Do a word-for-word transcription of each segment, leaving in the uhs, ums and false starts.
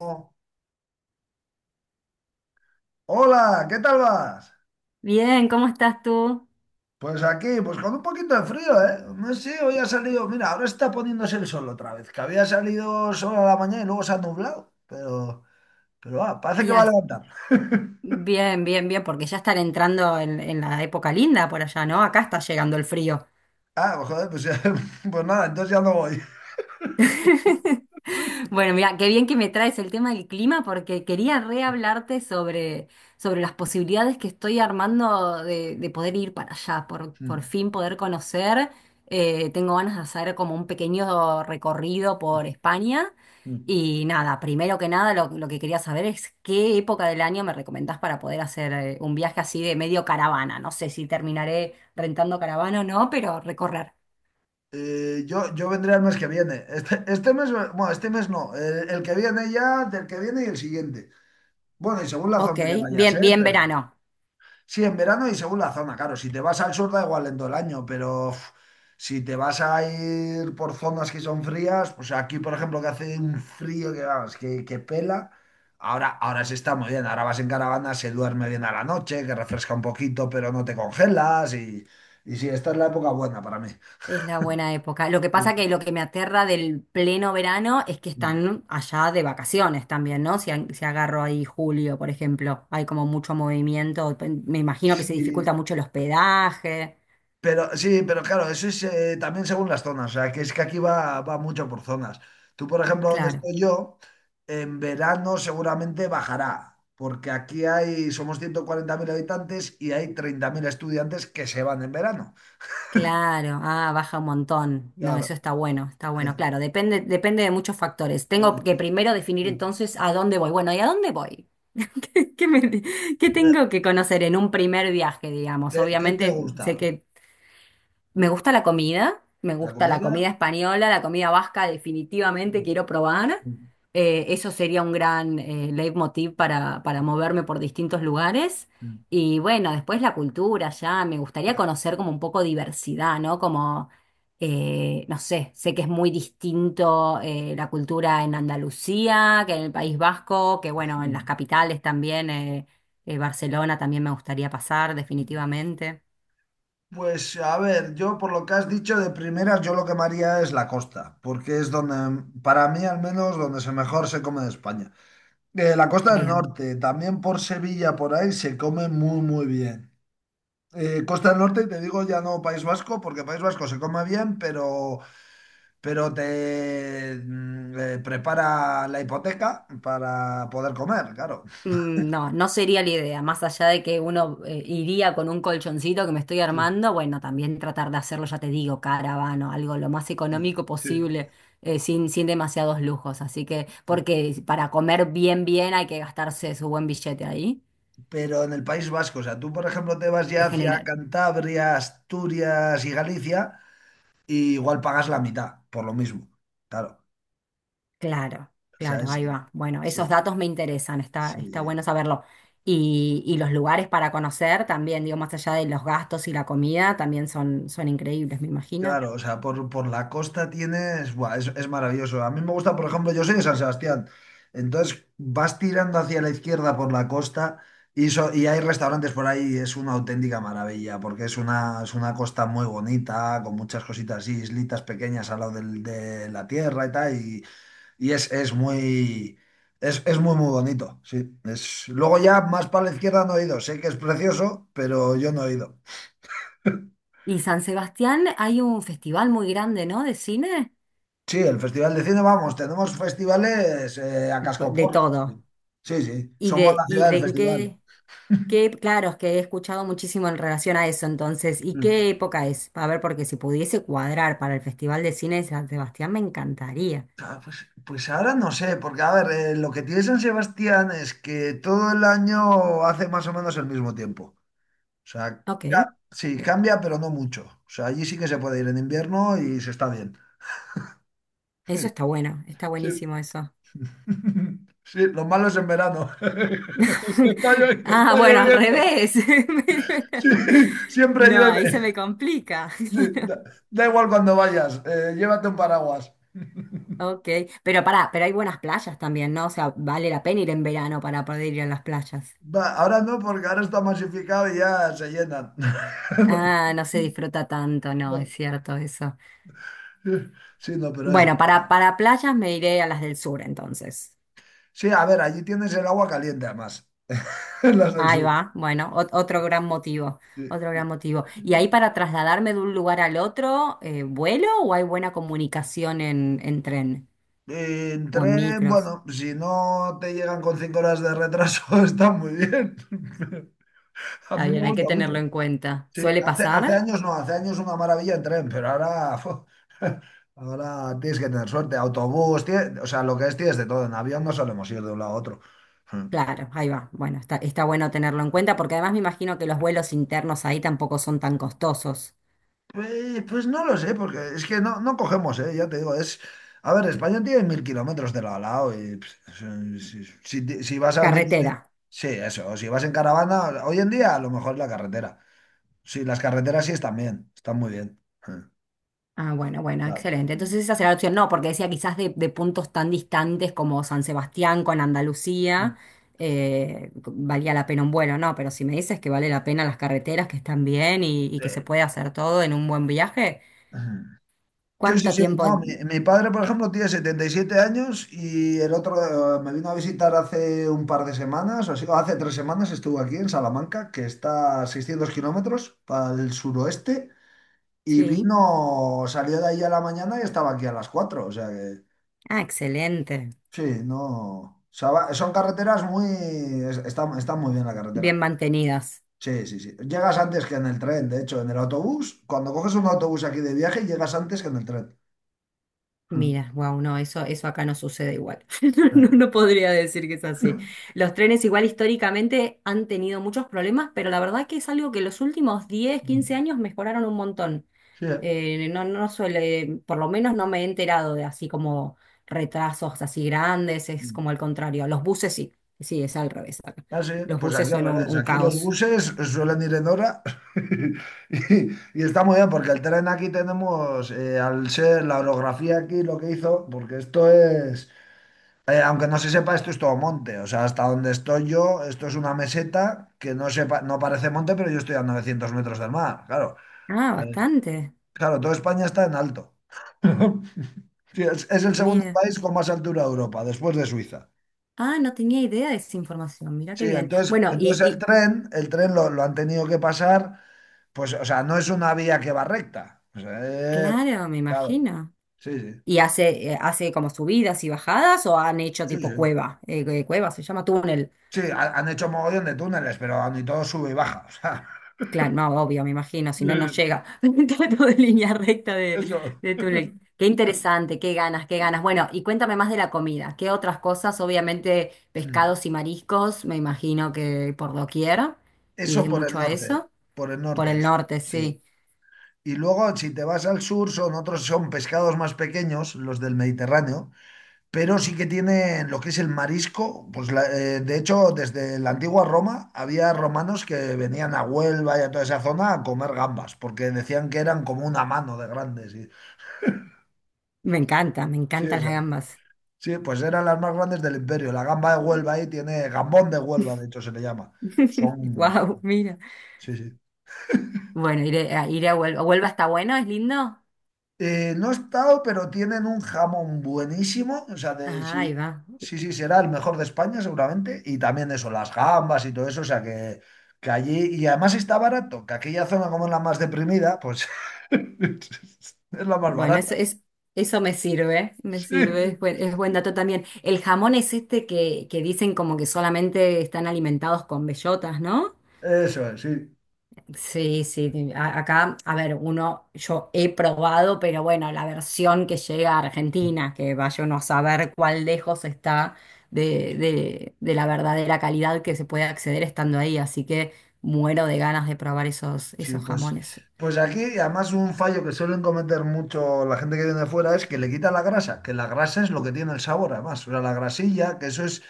Oh, hola, ¿qué tal vas? Bien, ¿cómo estás tú? Pues aquí, pues con un poquito de frío, ¿eh? No sé, hoy ha salido, mira, ahora está poniéndose el sol otra vez, que había salido sol a la mañana y luego se ha nublado, pero, pero ah, parece que va a Ya, levantar. bien, bien, bien, porque ya están entrando en, en la época linda por allá, ¿no? Acá está llegando el frío. Ah, pues joder, pues, ya- pues nada, entonces ya no voy. Bueno, mira, qué bien que me traes el tema del clima porque quería rehablarte sobre, sobre las posibilidades que estoy armando de, de poder ir para allá, por, por fin poder conocer. Eh, tengo ganas de hacer como un pequeño recorrido por España. Y nada, primero que nada lo, lo que quería saber es qué época del año me recomendás para poder hacer eh, un viaje así de medio caravana. No sé si terminaré rentando caravana o no, pero recorrer. Eh, yo, yo vendré el mes que viene. Este, este mes, bueno, este mes no, el, el que viene ya, del que viene y el siguiente. Bueno, y según la Ok, zona que vayas, ¿eh? bien, bien Pero. verano. Sí, en verano y según la zona, claro. Si te vas al sur da igual en todo el año, pero uf, si te vas a ir por zonas que son frías, pues aquí, por ejemplo, que hace un frío que vamos, que, que pela, ahora, ahora se está muy bien. Ahora vas en caravana, se duerme bien a la noche, que refresca un poquito, pero no te congelas, y, y sí, esta es la época buena para mí. Es la buena época. Lo que Sí. pasa que lo que me aterra del pleno verano es que están allá de vacaciones también, ¿no? Si, a- si agarro ahí julio, por ejemplo, hay como mucho movimiento. Me imagino que se dificulta Sí, mucho el hospedaje. pero sí, pero claro, eso es, eh, también según las zonas, o sea, que es que aquí va, va mucho por zonas. Tú, por ejemplo, donde Claro, estoy yo, en verano seguramente bajará, porque aquí hay, somos ciento cuarenta mil habitantes y hay treinta mil estudiantes que se van en verano. claro. Ah, baja un montón. No, Claro. eso está bueno, está bueno. Claro, depende, depende de muchos factores. Tengo que primero definir entonces a dónde voy. Bueno, ¿y a dónde voy? ¿Qué, qué me- ¿Qué tengo que conocer en un primer viaje, digamos? ¿Qué, qué te Obviamente sé gusta? que me gusta la comida, me ¿La gusta la comida comida? española, la comida vasca definitivamente Mm, quiero probar. mm, Eh, eso sería un gran eh, leitmotiv para, para mm, moverme por distintos lugares. mm, Y bueno, después la cultura ya, me gustaría ah, conocer como un poco diversidad, ¿no? Como, eh, no sé, sé que es muy distinto eh, la cultura en Andalucía, que en el País Vasco, que bueno, en las mm, capitales también, eh, eh, Barcelona también me gustaría pasar mm. definitivamente. Pues a ver, yo por lo que has dicho de primeras, yo lo que me haría es la costa, porque es donde, para mí al menos, donde se mejor se come de España. Eh, la costa del Bien. norte, también por Sevilla, por ahí, se come muy, muy bien. Eh, costa del norte, te digo ya no País Vasco, porque País Vasco se come bien, pero, pero te mm, eh, prepara la hipoteca para poder comer, claro. Mm, no, no sería la idea, más allá de que uno eh, iría con un colchoncito que me estoy Sí, armando, bueno, también tratar de hacerlo, ya te digo, caravano, algo lo más económico sí. posible, eh, sin, sin demasiados lujos, así que, porque para comer bien, bien hay que gastarse su buen billete ahí, Pero en el País Vasco. O sea, tú, por ejemplo, te vas ya es hacia general. Cantabria, Asturias y Galicia, y igual pagas la mitad, por lo mismo. Claro. Claro, O sea, claro, es- ahí sí, va. Bueno, esos sí, datos me interesan, está, está sí. bueno saberlo. Y, y los lugares para conocer también, digo, más allá de los gastos y la comida, también son, son increíbles, me imagino. Claro, o sea, por, por la costa tienes, buah, es, es maravilloso. A mí me gusta, por ejemplo, yo soy de San Sebastián. Entonces vas tirando hacia la izquierda por la costa. Y, so- y hay restaurantes por ahí, y es una auténtica maravilla, porque es una, es una costa muy bonita, con muchas cositas así, islitas pequeñas al lado del- de la tierra y tal, y, Y es, es muy, es, es muy, muy bonito, sí. Es, luego ya más para la izquierda no he ido. Sé que es precioso, pero yo no he ido. Y San Sebastián hay un festival muy grande, ¿no? De cine. Sí, el Festival de Cine, vamos, tenemos festivales, eh, a P- De cascoporro. todo. Sí, sí, ¿Y somos de, la y ciudad del de festival. qué, qué? Claro, es que he escuchado muchísimo en relación a eso, entonces, ¿y Mm. qué época es? A ver, porque si pudiese cuadrar para el Festival de Cine de San Sebastián, me encantaría. Ah, Pues, pues ahora no sé, porque a ver, eh, lo que tiene San Sebastián es que todo el año hace más o menos el mismo tiempo. O sea, Ok, eh, ca- sí, cambia, pero no mucho. O sea, allí sí que se puede ir en invierno y se está bien. eso está bueno, está Sí. buenísimo eso. Sí, lo malo es en verano. Que está, llo- que Ah, está bueno, al lloviendo. revés. Sí, siempre No, ahí se me llueve. complica. Sí, da, da igual cuando vayas, eh, llévate un paraguas. Ok, pero pará, pero hay buenas playas también, ¿no? O sea, vale la pena ir en verano para poder ir a las playas. Va, ahora no, porque ahora está masificado y ya se llenan. No, Ah, no se disfruta tanto, no, no. es cierto eso. Sí, no, pero es... Bueno, para, para playas me iré a las del sur entonces. Sí, a ver, allí tienes el agua caliente además, las del Ahí sur. va, bueno, ot- otro gran motivo, Sí. otro gran motivo. ¿Y ahí para trasladarme de un lugar al otro, eh, vuelo o hay buena comunicación en, en tren En o en tren, micros? bueno, si no te llegan con cinco horas de retraso, está muy bien. A Está mí me bien, hay que gusta mucho. tenerlo en cuenta. Sí, ¿Suele hace, hace pasar? años no, hace años una maravilla en tren, pero ahora, fu, ahora tienes que tener suerte. Autobús, tie- o sea, lo que es tienes de todo. En avión no solemos ir de un lado a otro. Mm. Claro, ahí va. Bueno, está, está bueno tenerlo en cuenta porque además me imagino que los vuelos internos ahí tampoco son tan costosos. Pues, pues no lo sé, porque es que no, no cogemos, ¿eh? Ya te digo, es... A ver, España tiene mil kilómetros de lado a lado y pff, si, si- si- si vas a venir... Carretera. Sí, eso, si vas en caravana, hoy en día a lo mejor la carretera. Sí, las carreteras sí están bien, están muy bien. Mm. Ah, bueno, bueno, Claro. excelente. Entonces esa será la opción. No, porque decía quizás de, de puntos tan distantes como San Sebastián con Andalucía, eh, valía la pena un vuelo, ¿no? Pero si me dices que vale la pena las carreteras, que están bien y, y que se puede hacer todo en un buen viaje, Sí. Sí, sí, ¿cuánto sí, tiempo? no, mi, mi padre, por ejemplo, tiene setenta y siete años, y el otro, eh, me vino a visitar hace un par de semanas, o así, o hace tres semanas estuvo aquí en Salamanca, que está a seiscientos kilómetros para el suroeste, y Sí. vino, salió de ahí a la mañana y estaba aquí a las cuatro, o sea que Ah, excelente. sí, no, o sea, va- son carreteras muy, es- está, está muy bien la Bien carretera. mantenidas. Sí, sí, sí. Llegas antes que en el tren, de hecho, en el autobús, cuando coges un autobús aquí de viaje, llegas antes que en el tren. Mira, wow, no, eso, eso acá no sucede igual. No, no podría decir que es así. Los trenes igual históricamente han tenido muchos problemas, pero la verdad que es algo que los últimos diez, quince años mejoraron un montón. Sí. eh. Eh, no, no suele, por lo menos no me he enterado de así como retrasos así grandes, es como al contrario. Los buses sí, sí, es al revés acá. Ah, sí, Los pues buses aquí al son un, revés. un Aquí los caos. buses suelen ir en hora y, y está muy bien porque el tren aquí tenemos, eh, al ser la orografía aquí lo que hizo, porque esto es, eh, aunque no se sepa, esto es todo monte. O sea, hasta donde estoy yo, esto es una meseta que no sepa, no parece monte, pero yo estoy a novecientos metros del mar. Claro, Ah, Eh, bastante. claro, toda España está en alto. Sí, es, es el segundo Mira. país con más altura de Europa, después de Suiza. Ah, no tenía idea de esa información. Mira Sí, qué bien. entonces, Bueno, y, entonces el y tren, el tren lo, lo han tenido que pasar, pues, o sea, no es una vía que va recta. O sea, eh, claro, me claro, imagino. sí, sí, ¿Y hace, eh, hace como subidas y bajadas o han hecho sí, sí. tipo cueva? Eh, eh, cueva se llama túnel. Sí, ha- han hecho mogollón de túneles, pero ni todo sube y baja. O sea, Claro, no, obvio, me imagino, si no, no sí, llega. Trato de línea recta de, eso. de túnel. Qué interesante, qué ganas, qué ganas. Bueno, y cuéntame más de la comida. ¿Qué otras cosas? Obviamente, Hmm. pescados y mariscos, me imagino que por doquier. Eso Iré por el mucho a norte, eso. por el Por norte, el eso, norte, sí. sí. Y luego, si te vas al sur, son otros, son pescados más pequeños, los del Mediterráneo, pero sí que tienen lo que es el marisco. Pues la- eh, de hecho, desde la antigua Roma había romanos que venían a Huelva y a toda esa zona a comer gambas, porque decían que eran como una mano de grandes. y- Me encanta, me Sí, o encantan las sea, gambas. sí, pues eran las más grandes del imperio. La gamba de Huelva ahí tiene, gambón de Huelva, de hecho se le llama. Son, Wow, mira. sí, sí. Bueno, iré, a- iré a Huelva. ¿Huelva está bueno? ¿Es lindo? Eh, no he estado, pero tienen un jamón buenísimo. O sea, de, Ah, ahí sí, va. sí, sí, será el mejor de España seguramente. Y también eso, las gambas y todo eso. O sea, que, que allí... Y además está barato, que aquella zona como es la más deprimida, pues es la más Bueno, barata. eso, es, eso me sirve, me Sí, sirve, es buen, es buen dato también. El jamón es este que, que dicen como que solamente están alimentados con bellotas, ¿no? eso es, sí. Sí, sí, a- acá, a ver, uno, yo he probado, pero bueno, la versión que llega a Argentina, que vaya uno a saber cuál lejos está de, de, de la verdadera calidad que se puede acceder estando ahí, así que muero de ganas de probar esos, Sí, esos pues, jamones. pues aquí, y además un fallo que suelen cometer mucho la gente que viene de fuera es que le quita la grasa, que la grasa es lo que tiene el sabor, además. O sea, la grasilla, que eso es,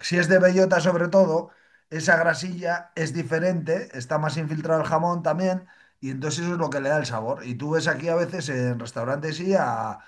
si es de bellota sobre todo, esa grasilla es diferente, está más infiltrado el jamón también, y entonces eso es lo que le da el sabor. Y tú ves aquí a veces en restaurantes y a,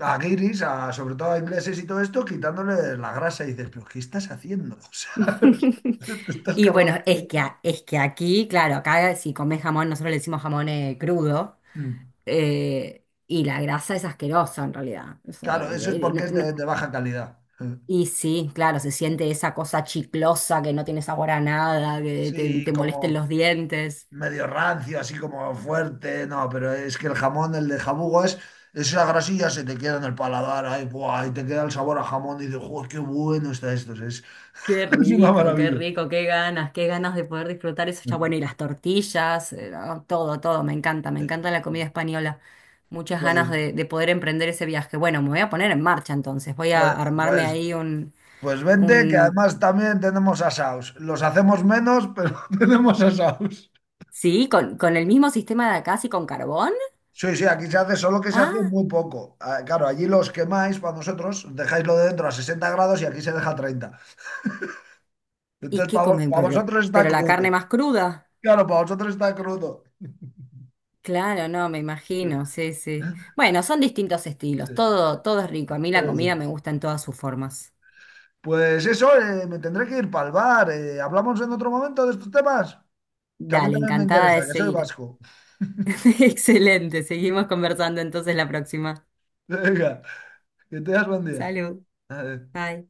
a guiris, a, sobre todo a ingleses y todo esto, quitándole la grasa y dices, pero ¿qué estás haciendo? O sea, te estás Y bueno, cargando. es que, a- es que aquí, claro, acá si comes jamón, nosotros le decimos jamón eh, crudo, Mm. eh, y la grasa es asquerosa en realidad. O sea, Claro, eso es eh, eh, porque no- es no- de, de baja calidad. y sí, claro, se siente esa cosa chiclosa que no tiene sabor a nada, que te, Sí, te molesta en como... los dientes. medio rancio, así como fuerte, no, pero es que el jamón, el de jabugo es, esa grasilla se te queda en el paladar, ahí, buah, y te queda el sabor a jamón, y dices: "Joder, qué bueno está esto, es, Qué es una rico, qué maravilla." rico, qué ganas, qué ganas de poder disfrutar eso ya. Bueno, y las tortillas, eh, no, todo, todo, me encanta, me Sí. encanta la comida española. Muchas ganas Pues, de, de poder emprender ese viaje. Bueno, me voy a poner en marcha entonces, voy a pues, armarme pues, ahí un, pues vente, que un... además también tenemos asaos. Los hacemos menos, pero tenemos asaos. Sí, con, con el mismo sistema de acá, sí, con carbón. Sí, sí, aquí se hace, solo que se hace Ah, muy poco. Ah, claro, allí los quemáis para vosotros, dejáislo de dentro a sesenta grados y aquí se deja a treinta. ¿y Entonces, qué comen? para Pero, vosotros está pero la crudo. carne más cruda. Claro, para vosotros está crudo. Claro, no, me imagino, sí, sí. Bueno, son distintos Sí, estilos, todo, todo es rico. A mí la eso. comida me gusta en todas sus formas. Pues eso, eh, me tendré que ir para el bar. eh, hablamos en otro momento de estos temas, que a mí Dale, también me encantada interesa, de que soy seguir. vasco. Excelente, seguimos conversando entonces la próxima. Venga, que tengas buen día. Salud, Adiós. bye.